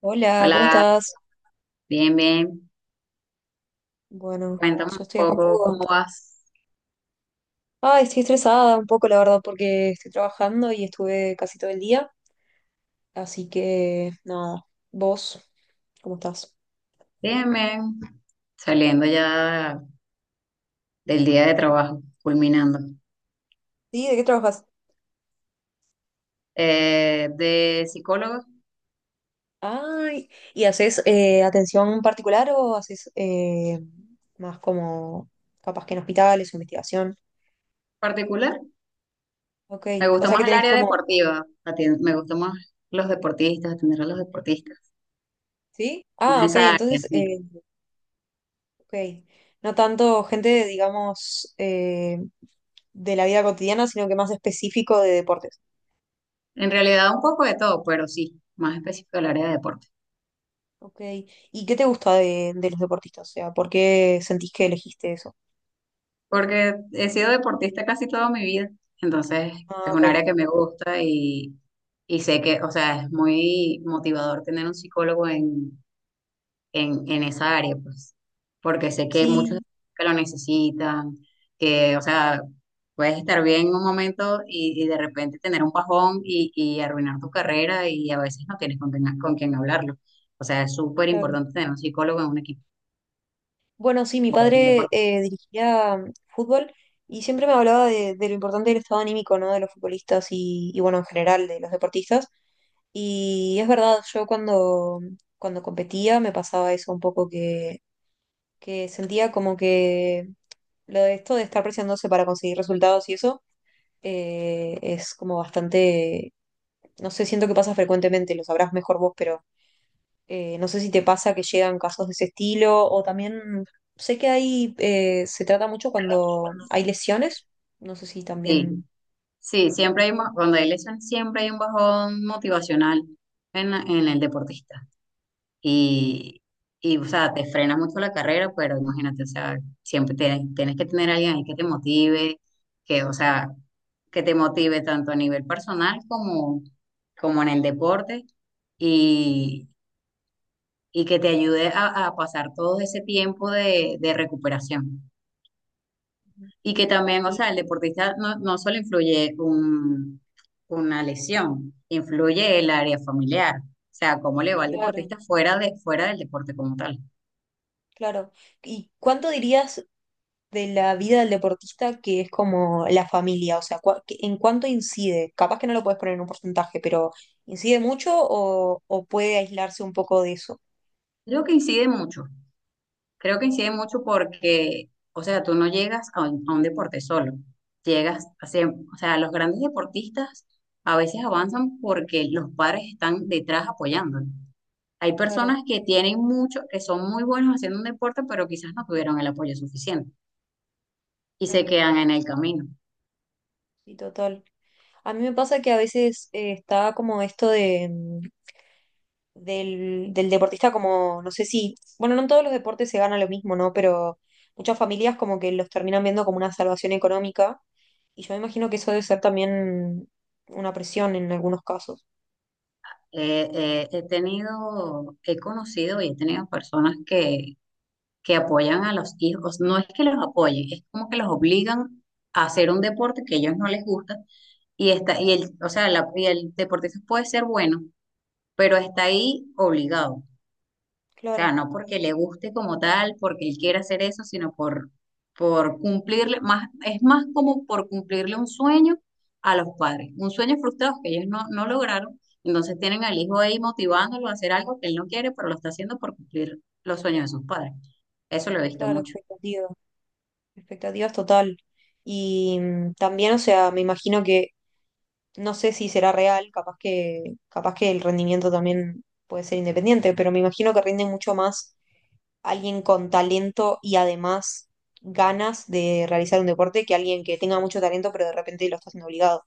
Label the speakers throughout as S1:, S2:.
S1: Hola, ¿cómo
S2: Hola,
S1: estás?
S2: bien, bien.
S1: Bueno,
S2: Cuéntame un
S1: yo estoy acá un
S2: poco
S1: poco.
S2: cómo vas.
S1: Ay, estoy estresada un poco, la verdad, porque estoy trabajando y estuve casi todo el día. Así que, no. ¿Vos, cómo estás?
S2: Bien, bien. Saliendo ya del día de trabajo, culminando.
S1: Sí, ¿de qué trabajas?
S2: De psicólogo
S1: Ay, ¿y haces atención particular o haces más como capaz que en hospitales o investigación?
S2: particular,
S1: Ok,
S2: me
S1: o
S2: gusta
S1: sea que
S2: más el
S1: tenés
S2: área
S1: como.
S2: deportiva. Me gusta más los deportistas, atender a los deportistas.
S1: ¿Sí?
S2: Más
S1: Ah, ok,
S2: esa área,
S1: entonces.
S2: sí.
S1: Ok. No tanto gente, digamos, de la vida cotidiana, sino que más específico de deportes.
S2: En realidad un poco de todo, pero sí, más específico el área de deportes.
S1: Ok. ¿Y qué te gusta de los deportistas? O sea, ¿por qué sentís que elegiste eso?
S2: Porque he sido deportista casi toda mi vida, entonces
S1: Ah,
S2: es un
S1: ok.
S2: área que me gusta y sé que, o sea, es muy motivador tener un psicólogo en esa área, pues, porque sé que hay muchos
S1: Sí,
S2: que lo necesitan, que, o sea, puedes estar bien en un momento y de repente tener un bajón y arruinar tu carrera y a veces no tienes con quién hablarlo. O sea, es súper
S1: claro.
S2: importante tener un psicólogo en un equipo
S1: Bueno, sí, mi
S2: o un
S1: padre
S2: deportista.
S1: dirigía fútbol y siempre me hablaba de lo importante del estado anímico, ¿no? De los futbolistas y, bueno, en general, de los deportistas. Y es verdad, yo cuando, cuando competía me pasaba eso un poco que sentía como que lo de esto de estar presionándose para conseguir resultados y eso es como bastante, no sé, siento que pasa frecuentemente, lo sabrás mejor vos, pero no sé si te pasa que llegan casos de ese estilo o también sé que ahí se trata mucho cuando hay lesiones, no sé si
S2: Sí.
S1: también...
S2: Sí, siempre hay, cuando hay lesiones, siempre hay un bajón motivacional en, en el deportista. Y, o sea, te frena mucho la carrera, pero imagínate, o sea, tienes que tener a alguien ahí que te motive, que, o sea, que te motive tanto a nivel personal como, como en el deporte y, y que te ayude a pasar todo ese tiempo de recuperación. Y que también, o
S1: Y
S2: sea, el deportista no, no solo influye una lesión, influye el área familiar. O sea, cómo le va al
S1: claro,
S2: deportista fuera de, fuera del deporte como tal.
S1: claro. ¿Y cuánto dirías de la vida del deportista que es como la familia, o sea, en cuánto incide? Capaz que no lo puedes poner en un porcentaje, pero ¿incide mucho o puede aislarse un poco de eso?
S2: Creo que incide mucho. Creo que incide mucho porque, o sea, tú no llegas a a un deporte solo. O sea, los grandes deportistas a veces avanzan porque los padres están detrás apoyándolo. Hay
S1: Claro,
S2: personas que tienen mucho, que son muy buenos haciendo un deporte, pero quizás no tuvieron el apoyo suficiente. Y se
S1: claro,
S2: quedan en el camino.
S1: sí, total. A mí me pasa que a veces está como esto de, del, del deportista como, no sé si, bueno, no en todos los deportes se gana lo mismo, ¿no? Pero muchas familias como que los terminan viendo como una salvación económica y yo me imagino que eso debe ser también una presión en algunos casos.
S2: He tenido, he conocido y he tenido personas que apoyan a los hijos. No es que los apoyen, es como que los obligan a hacer un deporte que a ellos no les gusta y está, y el, o sea, la, y el deportista puede ser bueno, pero está ahí obligado. O sea,
S1: Claro.
S2: no porque le guste como tal, porque él quiera hacer eso, sino por cumplirle, más, es más como por cumplirle un sueño a los padres, un sueño frustrado que ellos no, no lograron, entonces tienen al hijo ahí motivándolo a hacer algo que él no quiere, pero lo está haciendo por cumplir los sueños de sus padres. Eso lo he visto
S1: Claro,
S2: mucho.
S1: expectativas, expectativas total. Y también, o sea, me imagino que, no sé si será real, capaz que el rendimiento también puede ser independiente, pero me imagino que rinde mucho más alguien con talento y además ganas de realizar un deporte que alguien que tenga mucho talento, pero de repente lo está haciendo obligado.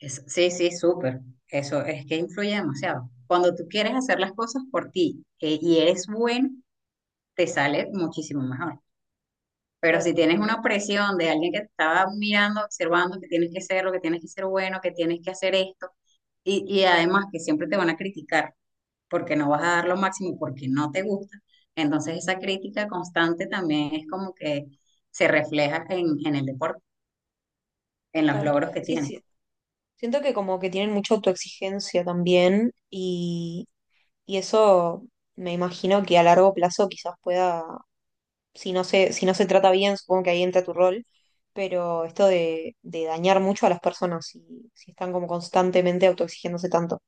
S2: Sí, sí, súper. Eso es que influye demasiado. Cuando tú quieres hacer las cosas por ti, y eres bueno, te sale muchísimo mejor. Pero si
S1: Claro,
S2: tienes una presión de alguien que te estaba mirando, observando que tienes que ser lo que tienes que ser bueno, que tienes que hacer esto, y además que siempre te van a criticar porque no vas a dar lo máximo, porque no te gusta, entonces esa crítica constante también es como que se refleja en el deporte, en los
S1: total.
S2: logros que
S1: Sí,
S2: tienes.
S1: sí. Siento que como que tienen mucha autoexigencia también y eso me imagino que a largo plazo quizás pueda si no se, si no se trata bien, supongo que ahí entra tu rol, pero esto de dañar mucho a las personas si, si están como constantemente autoexigiéndose tanto.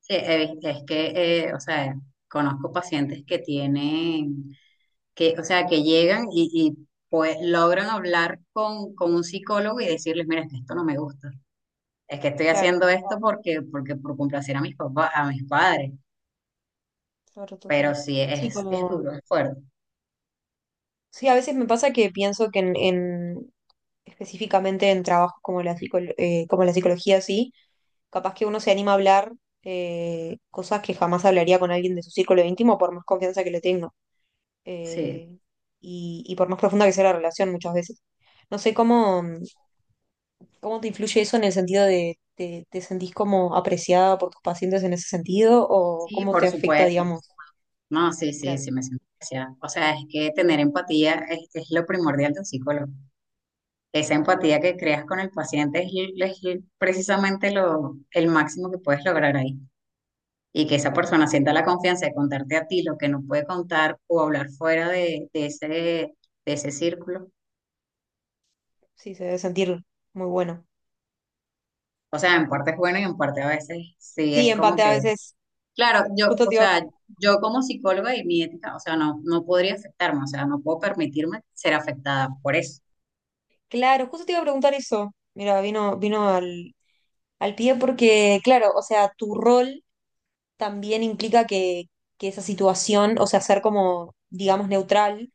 S2: Sí, es que, o sea, conozco pacientes que tienen, que, o sea, que llegan y, pues logran hablar con un psicólogo y decirles, mira, es que esto no me gusta, es que estoy
S1: Claro,
S2: haciendo esto porque, porque por complacer a mis papás, a mis padres,
S1: claro,
S2: pero
S1: total.
S2: sí
S1: Sí,
S2: es
S1: como,
S2: duro, es fuerte.
S1: sí, a veces me pasa que pienso que en- específicamente en trabajos como la como la psicología, sí, capaz que uno se anima a hablar cosas que jamás hablaría con alguien de su círculo íntimo por más confianza que le tenga.
S2: Sí,
S1: eh, y, y por más profunda que sea la relación muchas veces. No sé cómo, ¿cómo te influye eso en el sentido de, te sentís como apreciada por tus pacientes en ese sentido? ¿O
S2: sí,
S1: cómo te
S2: por
S1: afecta,
S2: supuesto.
S1: digamos?
S2: No, sí, sí,
S1: Claro.
S2: sí me siento especial. O sea, es que tener empatía es lo primordial de un psicólogo. Esa
S1: Ujú,
S2: empatía que creas con el paciente es precisamente lo, el máximo que puedes lograr ahí. Y que esa
S1: claro.
S2: persona sienta la confianza de contarte a ti lo que no puede contar o hablar fuera de ese círculo.
S1: Sí, se debe sentir muy bueno.
S2: O sea, en parte es bueno y en parte a veces sí
S1: Sí,
S2: es como
S1: empate a
S2: que...
S1: veces.
S2: Claro, yo,
S1: Justo
S2: o
S1: te iba,
S2: sea, yo como psicóloga y mi ética, o sea, no, no podría afectarme, o sea, no puedo permitirme ser afectada por eso.
S1: claro, justo te iba a preguntar eso. Mira, vino, vino al, al pie porque, claro, o sea, tu rol también implica que esa situación, o sea, ser como, digamos, neutral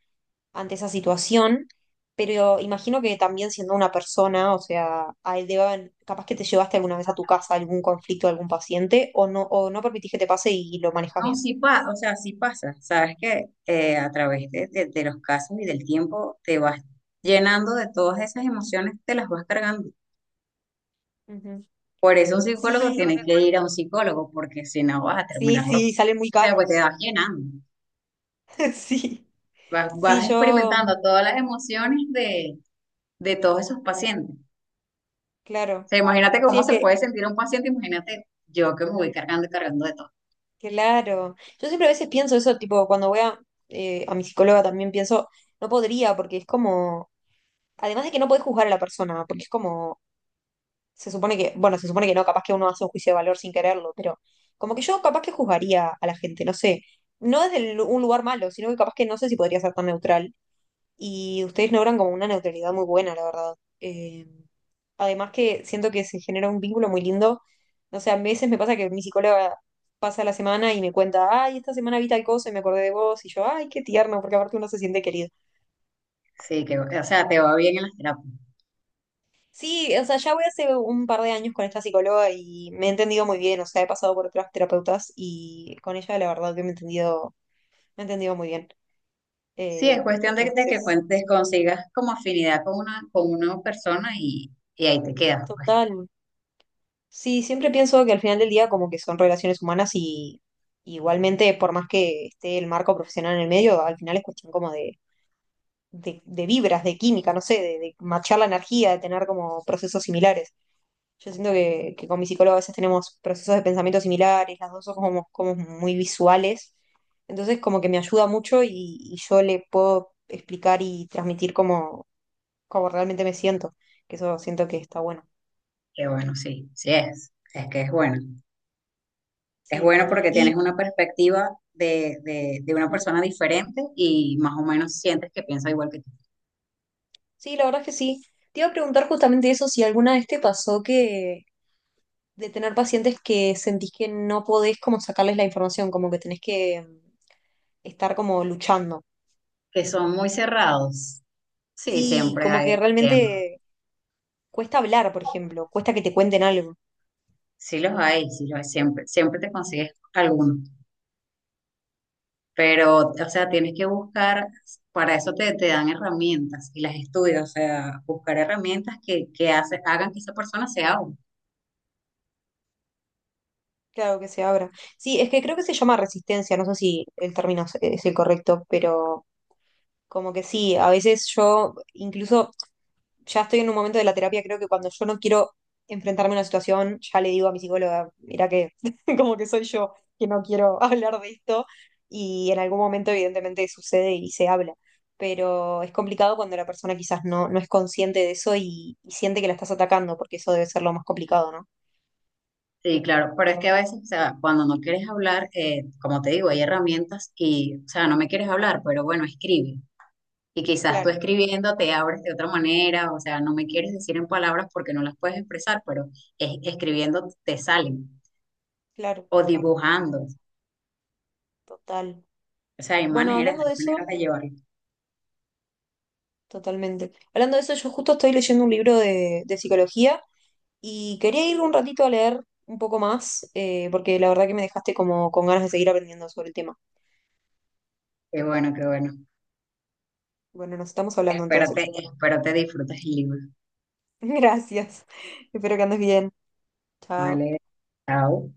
S1: ante esa situación, pero imagino que también siendo una persona, o sea, a él debe haber- capaz que te llevaste alguna vez a tu casa algún conflicto de algún paciente o no permitís que te pase y lo manejas
S2: No,
S1: bien.
S2: sí pasa, o sea, sí pasa. Sabes que a través de, de los casos y del tiempo te vas llenando de todas esas emociones, te las vas cargando.
S1: Ujú.
S2: Por eso un
S1: Sí,
S2: psicólogo tiene que ir a un psicólogo, porque si no vas a
S1: sí,
S2: terminar loco.
S1: sí, salen muy
S2: O sea, pues te
S1: caros.
S2: vas llenando,
S1: Sí,
S2: vas,
S1: sí,
S2: vas
S1: yo,
S2: experimentando todas las emociones de todos esos pacientes. O
S1: claro.
S2: sea, imagínate
S1: Sí,
S2: cómo
S1: es
S2: se
S1: que,
S2: puede sentir un paciente, imagínate yo que me voy cargando y cargando de todo.
S1: claro. Yo siempre a veces pienso eso, tipo, cuando voy a mi psicóloga también pienso, no podría, porque es como, además de que no podés juzgar a la persona, porque es como se supone que, bueno, se supone que no, capaz que uno hace un juicio de valor sin quererlo, pero como que yo capaz que juzgaría a la gente, no sé, no un lugar malo, sino que capaz que no sé si podría ser tan neutral. Y ustedes logran como una neutralidad muy buena, la verdad. Eh, Además que siento que se genera un vínculo muy lindo. No sé, a veces me pasa que mi psicóloga pasa la semana y me cuenta, ay, esta semana vi tal cosa y me acordé de vos, y yo, ay, qué tierno, porque aparte uno se siente querido.
S2: Sí, que, o sea, te va bien en las terapias.
S1: Sí, o sea, ya voy hace un par de años con esta psicóloga y me he entendido muy bien, o sea, he pasado por otras terapeutas y con ella la verdad que me he entendido muy bien.
S2: Sí, es cuestión de que
S1: Entonces,
S2: cuentes, consigas como afinidad con una persona y ahí te quedas, pues.
S1: total. Sí, siempre pienso que al final del día como que son relaciones humanas y igualmente, por más que esté el marco profesional en el medio, al final es cuestión como de vibras, de química, no sé, de machar la energía, de tener como procesos similares. Yo siento que con mi psicóloga a veces tenemos procesos de pensamiento similares, las dos somos como muy visuales, entonces como que me ayuda mucho y yo le puedo explicar y transmitir cómo, cómo realmente me siento, que eso siento que está bueno.
S2: Que bueno, sí, sí es. Es que es bueno. Es
S1: Sí,
S2: bueno porque
S1: y
S2: tienes una perspectiva de una persona diferente y más o menos sientes que piensa igual que tú.
S1: sí, la verdad es que sí. Te iba a preguntar justamente eso, si alguna vez te pasó que de tener pacientes que sentís que no podés como sacarles la información, como que tenés que estar como luchando.
S2: Que son muy cerrados. Sí,
S1: Sí,
S2: siempre
S1: como
S2: hay,
S1: que
S2: siempre.
S1: realmente cuesta hablar, por ejemplo, cuesta que te cuenten algo.
S2: Sí los hay, siempre, siempre te consigues alguno. Pero, o sea, tienes que buscar, para eso te, te dan herramientas y las estudias, o sea, buscar herramientas que hagan que esa persona sea útil.
S1: Claro que se abra. Sí, es que creo que se llama resistencia, no sé si el término es el correcto, pero como que sí, a veces yo incluso ya estoy en un momento de la terapia, creo que cuando yo no quiero enfrentarme a una situación, ya le digo a mi psicóloga, mira que como que soy yo que no quiero hablar de esto y en algún momento evidentemente sucede y se habla, pero es complicado cuando la persona quizás no, no es consciente de eso y siente que la estás atacando, porque eso debe ser lo más complicado, ¿no?
S2: Sí, claro, pero es que a veces, o sea, cuando no quieres hablar, como te digo, hay herramientas y, o sea, no me quieres hablar, pero bueno, escribe. Y quizás tú
S1: Claro.
S2: escribiendo te abres de otra manera, o sea, no me quieres decir en palabras porque no las puedes expresar, pero escribiendo te salen,
S1: Claro,
S2: o dibujando,
S1: total.
S2: o sea,
S1: Bueno, hablando
S2: hay
S1: de
S2: maneras
S1: eso,
S2: de llevarlo.
S1: totalmente. Hablando de eso, yo justo estoy leyendo un libro de psicología y quería ir un ratito a leer un poco más, porque la verdad que me dejaste como con ganas de seguir aprendiendo sobre el tema.
S2: Qué bueno, qué bueno.
S1: Bueno, nos estamos hablando entonces.
S2: Espero te disfrutes el libro.
S1: Gracias. Espero que andes bien. Chao.
S2: Vale, chao.